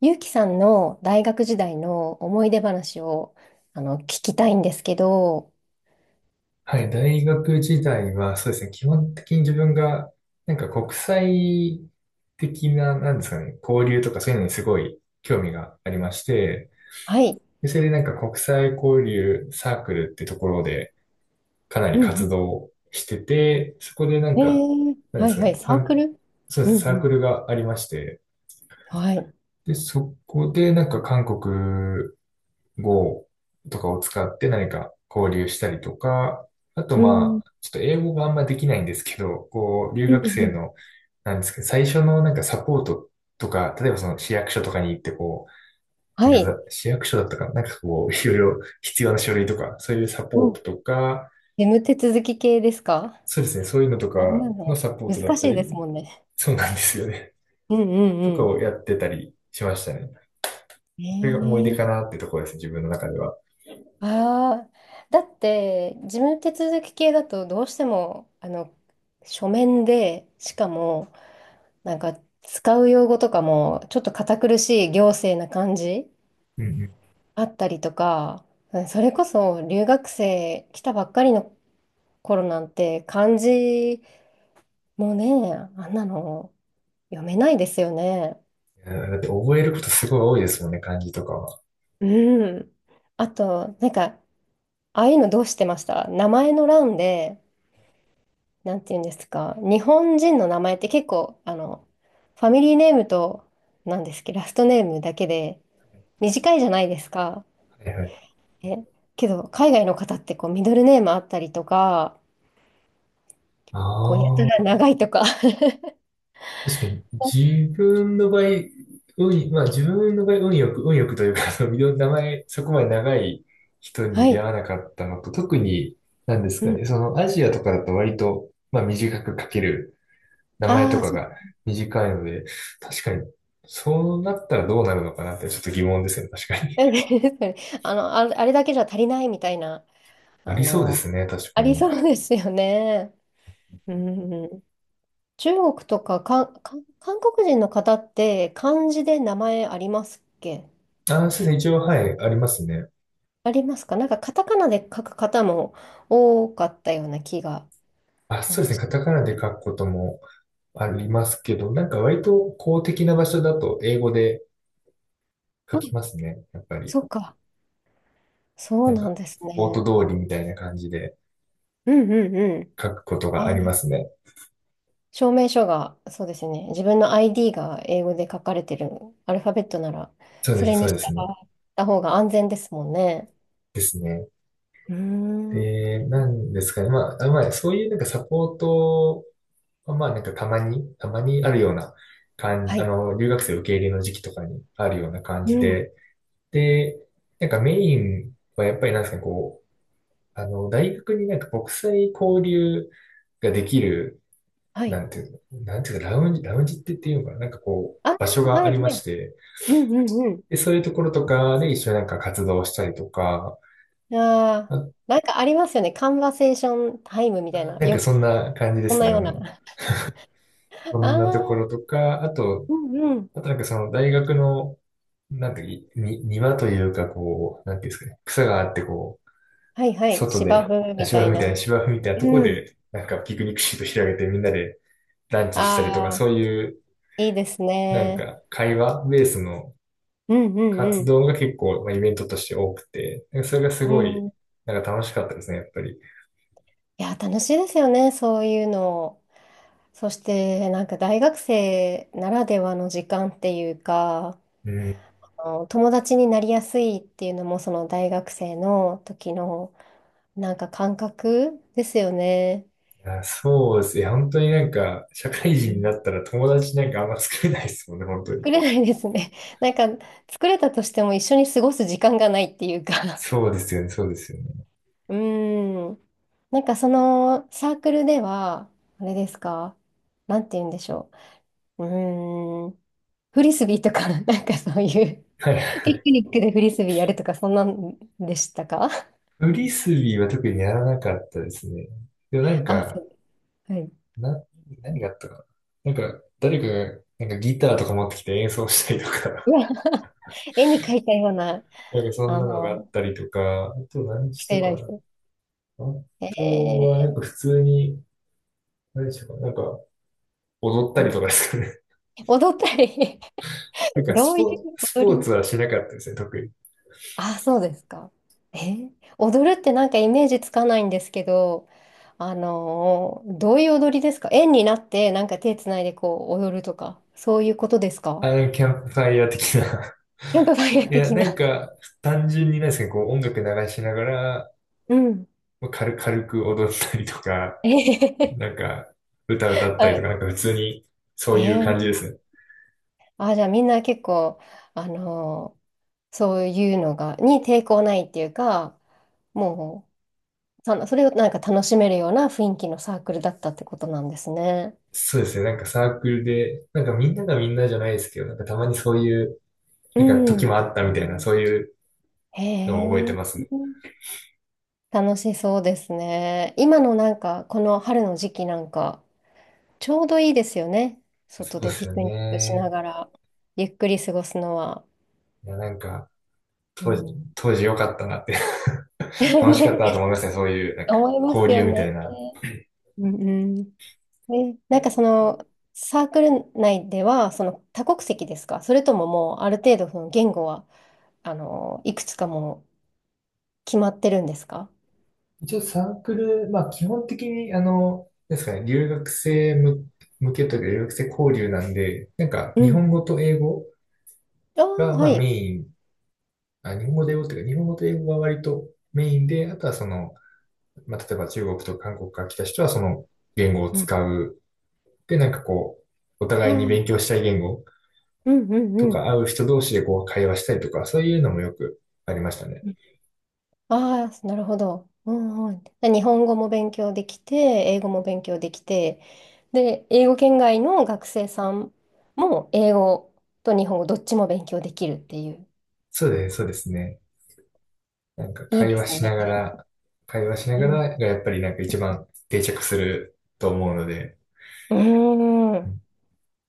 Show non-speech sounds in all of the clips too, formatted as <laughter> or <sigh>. ゆうきさんの大学時代の思い出話を聞きたいんですけど。はい、大学時代は、そうですね、基本的に自分が、なんか国際的な、なんですかね、交流とかそういうのにすごい興味がありまして、はい。でそれでなんか国際交流サークルってところでかなりうん。活動してて、そこでなんか、なんではいすかはね、い。サークル。そううでんすうね、サークん。ルがありまして、はい。で、そこでなんか韓国 Go とかを使って何か交流したりとか、あとうまん。あ、ちょっと英語があんまできないんですけど、こう、留うん学う生ん。の、なんですけど、最初のなんかサポートとか、例えばその市役所とかに行ってこう、はなんかい。市役所だったかな、なんかこう、<laughs> いろいろ必要な書類とか、そういうサポーうトん。とか、眠手続き系ですか？そうですね、そういうのとかあんなのの、サポートだ難っしたいでり、すもんね。そうなんですよね。うんう <laughs> とんうかをん。やってたりしましたね。えそれが思い出ー、かなってところです、自分の中では。ああ、だって事務手続き系だとどうしても書面で、しかもなんか使う用語とかもちょっと堅苦しい行政な感じうんうん。あったりとか、うん。それこそ留学生来たばっかりの頃なんて漢字もね、あんなの読めないですよね。いやだって覚えることすごい多いですもんね、漢字とかは。うん。あと、なんか、ああいうのどうしてました？名前の欄で、なんて言うんですか、日本人の名前って結構、ファミリーネームと、なんですっけど、ラストネームだけで短いじゃないですか。はいはい。え、けど、海外の方ってこうミドルネームあったりとか、あこうやたあ、ら長いとか。確かに <laughs> 自分の場合、まあ自分の場合運よく、運よくというか、あのいろんな名前、そこまで長い人はに出い。会わなかったのと、特に、なんですうかん。ね、そのアジアとかだと割と、まあ短く書ける名前あとあ、かそがう。短いので、確かに、そうなったらどうなるのかなってちょっと疑問ですね、確かに。<laughs> あれだけじゃ足りないみたいな、<laughs> なありそうでの、すね、確あかりに。そうですよね。うん。中国とか、韓国人の方って漢字で名前ありますっけ？あ、そうですね、一応、はい、ありますね。ありますか？なんかカタカナで書く方も多かったような気が、あ、うそうでん、すね、しカまタすカナでけど。書くこともありますけど、なんか割と公的な場所だと英語で書あ、きますね、やっぱり。そうか。そうなんなか、んですスポーね。ト通りみたいな感じでうんうんうん。書くことあがありまーすね。証明書が、そうですね。自分の ID が英語で書かれてるアルファベットなら、そうそです、れそにう従ですね。った方が安全ですもんね。ですね。うーん。で、なんですかね。まあ、そういうなんかサポート、まあなんかたまにあるような感はじ、あい。の、留学生受け入れの時期とかにあるような感うじん。で、で、なんかメインはやっぱりなんですかね、こう、あの、大学になんか国際交流ができる、はない。んていうの、なんていうか、ラウンジって言っていうのかな、なんかこう、ああ、場所がはありい、まはしい。て、うんうんうで、そういうところとかで一緒になんか活動したりとか、ん。ああ、あ、なんかありますよね。カンバセーションタイムみたいあ、な。なんかそんな感じでこんすなね、あようの、な。<laughs> そあんなとこあ、ろとか、あと、うんうん。あとなんかその大学の、なんていうか、に、庭というかこう、なんていうんですかね、草があってこう、はいはい。外芝で、生みた芝生いみたいな、な。芝生みたいなとこうん。で、なんかピクニックシート広げてみんなでランチしたりとか、あそうあ、いう、いいですなんね。か会話ベースのうんう活ん動が結構、まあ、イベントとして多くて、なんかそれがすうごい、ん。なんか楽しかったですね、やっぱり。いや、楽しいですよね、そういうの。そして、なんか大学生ならではの時間っていうか、うん。友達になりやすいっていうのも、その大学生の時の、なんか感覚ですよね。あ、そうですね。本当になんか、社会う人になん、ったら友達なんかあんま作れないですもんね、本当に。作れないですね。<laughs> なんか、作れたとしても一緒に過ごす時間がないっていうか。そうですよね、そうですよね。<laughs> うーん。なんかそのサークルでは、あれですか、なんて言うんでしょう。うーん。フリスビーとか、<laughs> なんかそういう。はい。ピクニックでフリスビーやるとか、そんなんでしたか？ <laughs> フリスビーは特にやらなかったですね。でもなんあ、そか、う。はい。<laughs> な、何があったかな。なんか、誰かが、なんかギターとか持ってきて演奏したりとうか、わ、絵に描いたような、<laughs> なんかそんあなのがあっの、たりとか、あと何スしテたイラかイな。フ。あとえは、え、なんか普通に、何したかな。なんか、踊ったうりん、とかですかね。踊ったり。 <laughs> <laughs> なんかどスういうポーツ、ス踊ポーり。ツはしなかったですね、特に。あ、そうですか。えー踊るってなんかイメージつかないんですけど、どういう踊りですか？円になってなんか手つないでこう踊るとか、そういうことですか？あの、なんかキャンプファイヤー的な。キャンプファイヤ <laughs> ーいや、的なな。んか、単純になんですかね、こう音楽流しながら、うん。まあ軽く踊ったりとか、えー なんか、歌 <laughs> 歌っはたりとい。か、なんか普通に、そういうえ感じですね。じゃあみんな結構、あのーそういうのが、に抵抗ないっていうか、もう、それをなんか楽しめるような雰囲気のサークルだったってことなんですね。そうですね。なんかサークルで、なんかみんながみんなじゃないですけど、なんかたまにそういう、うなんか時もん。あったみたいな、そういうへのを覚えてえ、ますね。楽しそうですね。今のなんか、この春の時期なんか、ちょうどいいですよね。そ外うでですピよクニックしなね。がら、ゆっくり過ごすのは。いや、なんか、う当時、ん。当時良かったなって <laughs> <laughs> 楽しかったなとね、思いますね。そういう、なんか、思います交よ流みたいね。な。うんうん。なんかその、サークル内では、その多国籍ですか？それとももうある程度その言語は、いくつかもう決まってるんですか？一応サークル、まあ基本的に、あの、なんですかね、留学生向けというか、留学生交流なんで、なんか、う日ん、本語と英語ああ、が、まはあい。メインあ、日本語で英語っていうか、日本語と英語が割とメインで、あとはその、まあ、例えば中国とか韓国から来た人はその言語をうん、あ使う。で、なんかこう、おあ、互いにう勉強んしたい言語うんとうかん。会う人同士でこう会話したりとか、そういうのもよくありましたね。うん、ああ、なるほど。うんうん。で日本語も勉強できて、英語も勉強できて、で、英語圏外の学生さんも英語と日本語どっちも勉強できるっていう。そうです、そうですね。なんかいい会で話すしね。ながら、会話しなうがん。らがやっぱりなんか一番定着すると思うので、うーうん。ん、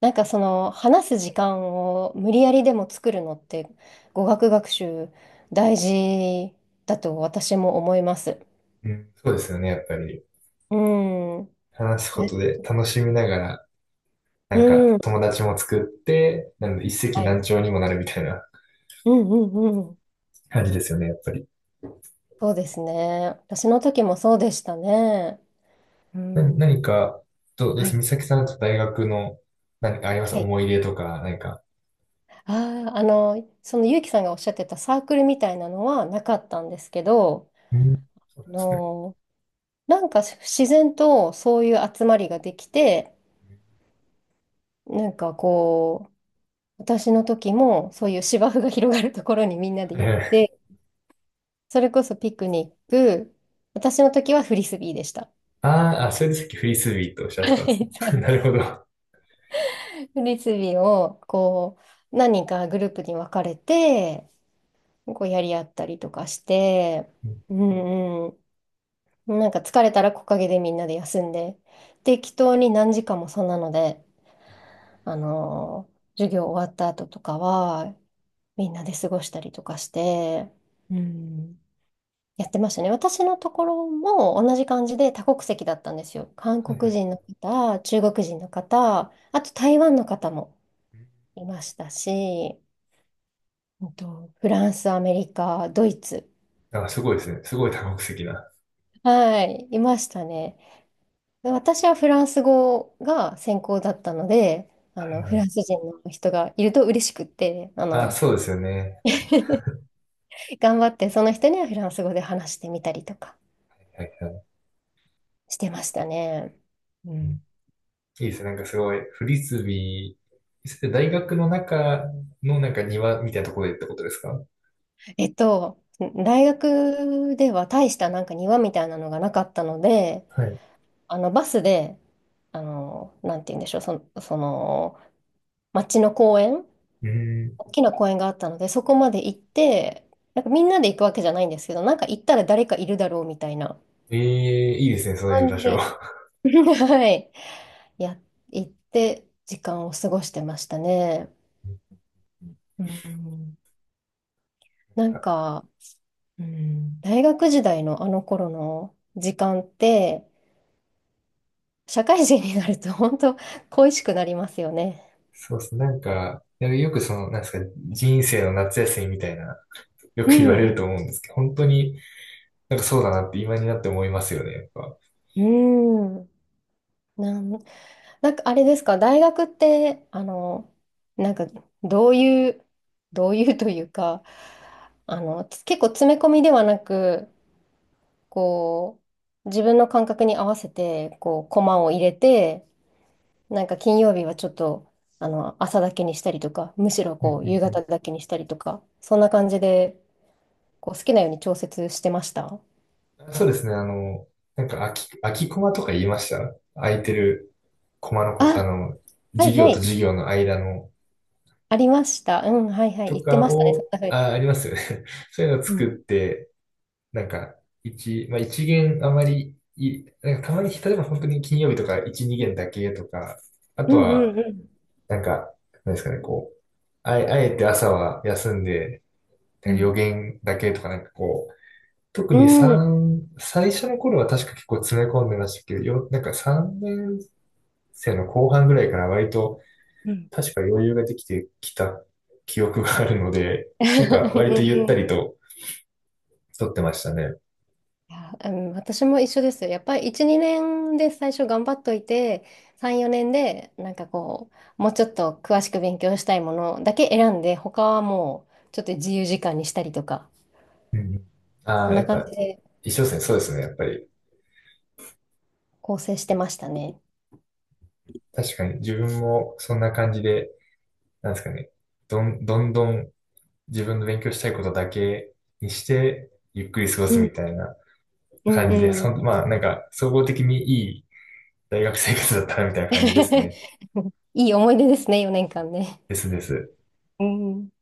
なんかその話す時間を無理やりでも作るのって語学学習大事だと私も思います。うんそうですよね、やっぱり。うん。話すこえとで楽しみながら、なんかうん。友達も作って、なん一石は何い。鳥にもなるみたいなうんうんうん。感じですよね、やっぱり。そうですね。私の時もそうでしたね。う何ん。か、どうどうではすい。美咲さんと大学の何かありますはい。思い入れとか、何か。ああ、その結城さんがおっしゃってたサークルみたいなのはなかったんですけど、うん、そうあなんですね。の、なんか自然とそういう集まりができて、なんかこう、私の時もそういう芝生が広がるところにみんなではい行っはい。て、それこそピクニック、私の時はフリスビーでした。あーあ、それでさっきフリスビーとおっしゃっはてたんですい、そね。<laughs> うなでるす。ほど。フリスビーをこう何人かグループに分かれて、こうやり合ったりとかして、うん。うんうん、なんか疲れたら木陰でみんなで休んで、適当に何時間もそんなので、あのー授業終わった後とかはみんなで過ごしたりとかして、うん。やってましたね。私のところも同じ感じで多国籍だったんですよ。韓はいは国い。人の方、中国人の方、あと台湾の方もいましたし、フランス、アメリカ、ドイツ、あ、すごいですね。すごい多国籍な。ははい、いましたね。で私はフランス語が専攻だったので、いはフランい。ス人の人がいると嬉しくって、あ、そうですよね。頑張ってその人にはフランス語で話してみたりとかはいはい。してましたね。ううん。いん。いですね。なんかすごい、フリスビー、大学の中のなんか庭みたいなところでってことですか。えっと、大学では大したなんか庭みたいなのがなかったので、はい。バスで、なんて言うんでしょう、その、町の公園、うん。大きな公園があったので、そこまで行って、なんかみんなで行くわけじゃないんですけど、なんか行ったら誰かいるだろうみたいなええ、いいですね、そういう場感じ所。で、<laughs> はい、や、行って時間を過ごしてましたね。ん、うん、なんか、うん、大学時代のあの頃の時間って、社会人になると本当恋しくなりますよね。そうですねなんか、なんかよくその、なんですか、人生の夏休みみたいな、ようく言われん。ると思うんですけど、本当になんかそうだなって今になって思いますよね、やっぱ。うん。なん、なんかあれですか、大学って、なんかどういう、どういうというか、結構詰め込みではなく、こう、自分の感覚に合わせて、こう、コマを入れて、なんか金曜日はちょっと、朝だけにしたりとか、むしろうんうこう、夕んうん。方だけにしたりとか、そんな感じで、こう、好きなように調節してました。そうですね、あの、なんか空きコマとか言いました、空いてるコマのこと、ああ、の、はい授業はとい。授業の間のありました。うん、はいはい。と言ってかましたね、そんを、な風に。あ、ありますよね。<laughs> そういうのをう作ん、って、なんか、まあ一限あまりい、なんかたまに、例えば本当に金曜日とか一、二限だけとか、あうとんうは、んうん。なんか、なんですかね、こう、あえて朝は休んで、なうんか予ん。言だけとか、なんかこう、特にうん。最初の頃は確か結構詰め込んでましたけど、なんか3年生の後半ぐらいから割とうん。確か余裕ができてきた記憶があるので、なんか <laughs> うん割とゆっうたん、りと撮ってましたね。いや、うん、私も一緒ですよ。やっぱり1、2年で最初頑張っといて、3、4年でなんかこう、もうちょっと詳しく勉強したいものだけ選んで、他はもうちょっと自由時間にしたりとか、うん。あそんあ、なやっ感ぱじで一緒ですね。そうですね。やっぱり構成してましたね。確かに自分もそんな感じで、なんですかね。どんどん自分の勉強したいことだけにしてゆっくり過ごうすみんたいなうん感じで、うん。そん、まあなんか総合的にいい大学生活だったらみたいな感じですね。<laughs> いい思い出ですね、4年間ね。ですです。うん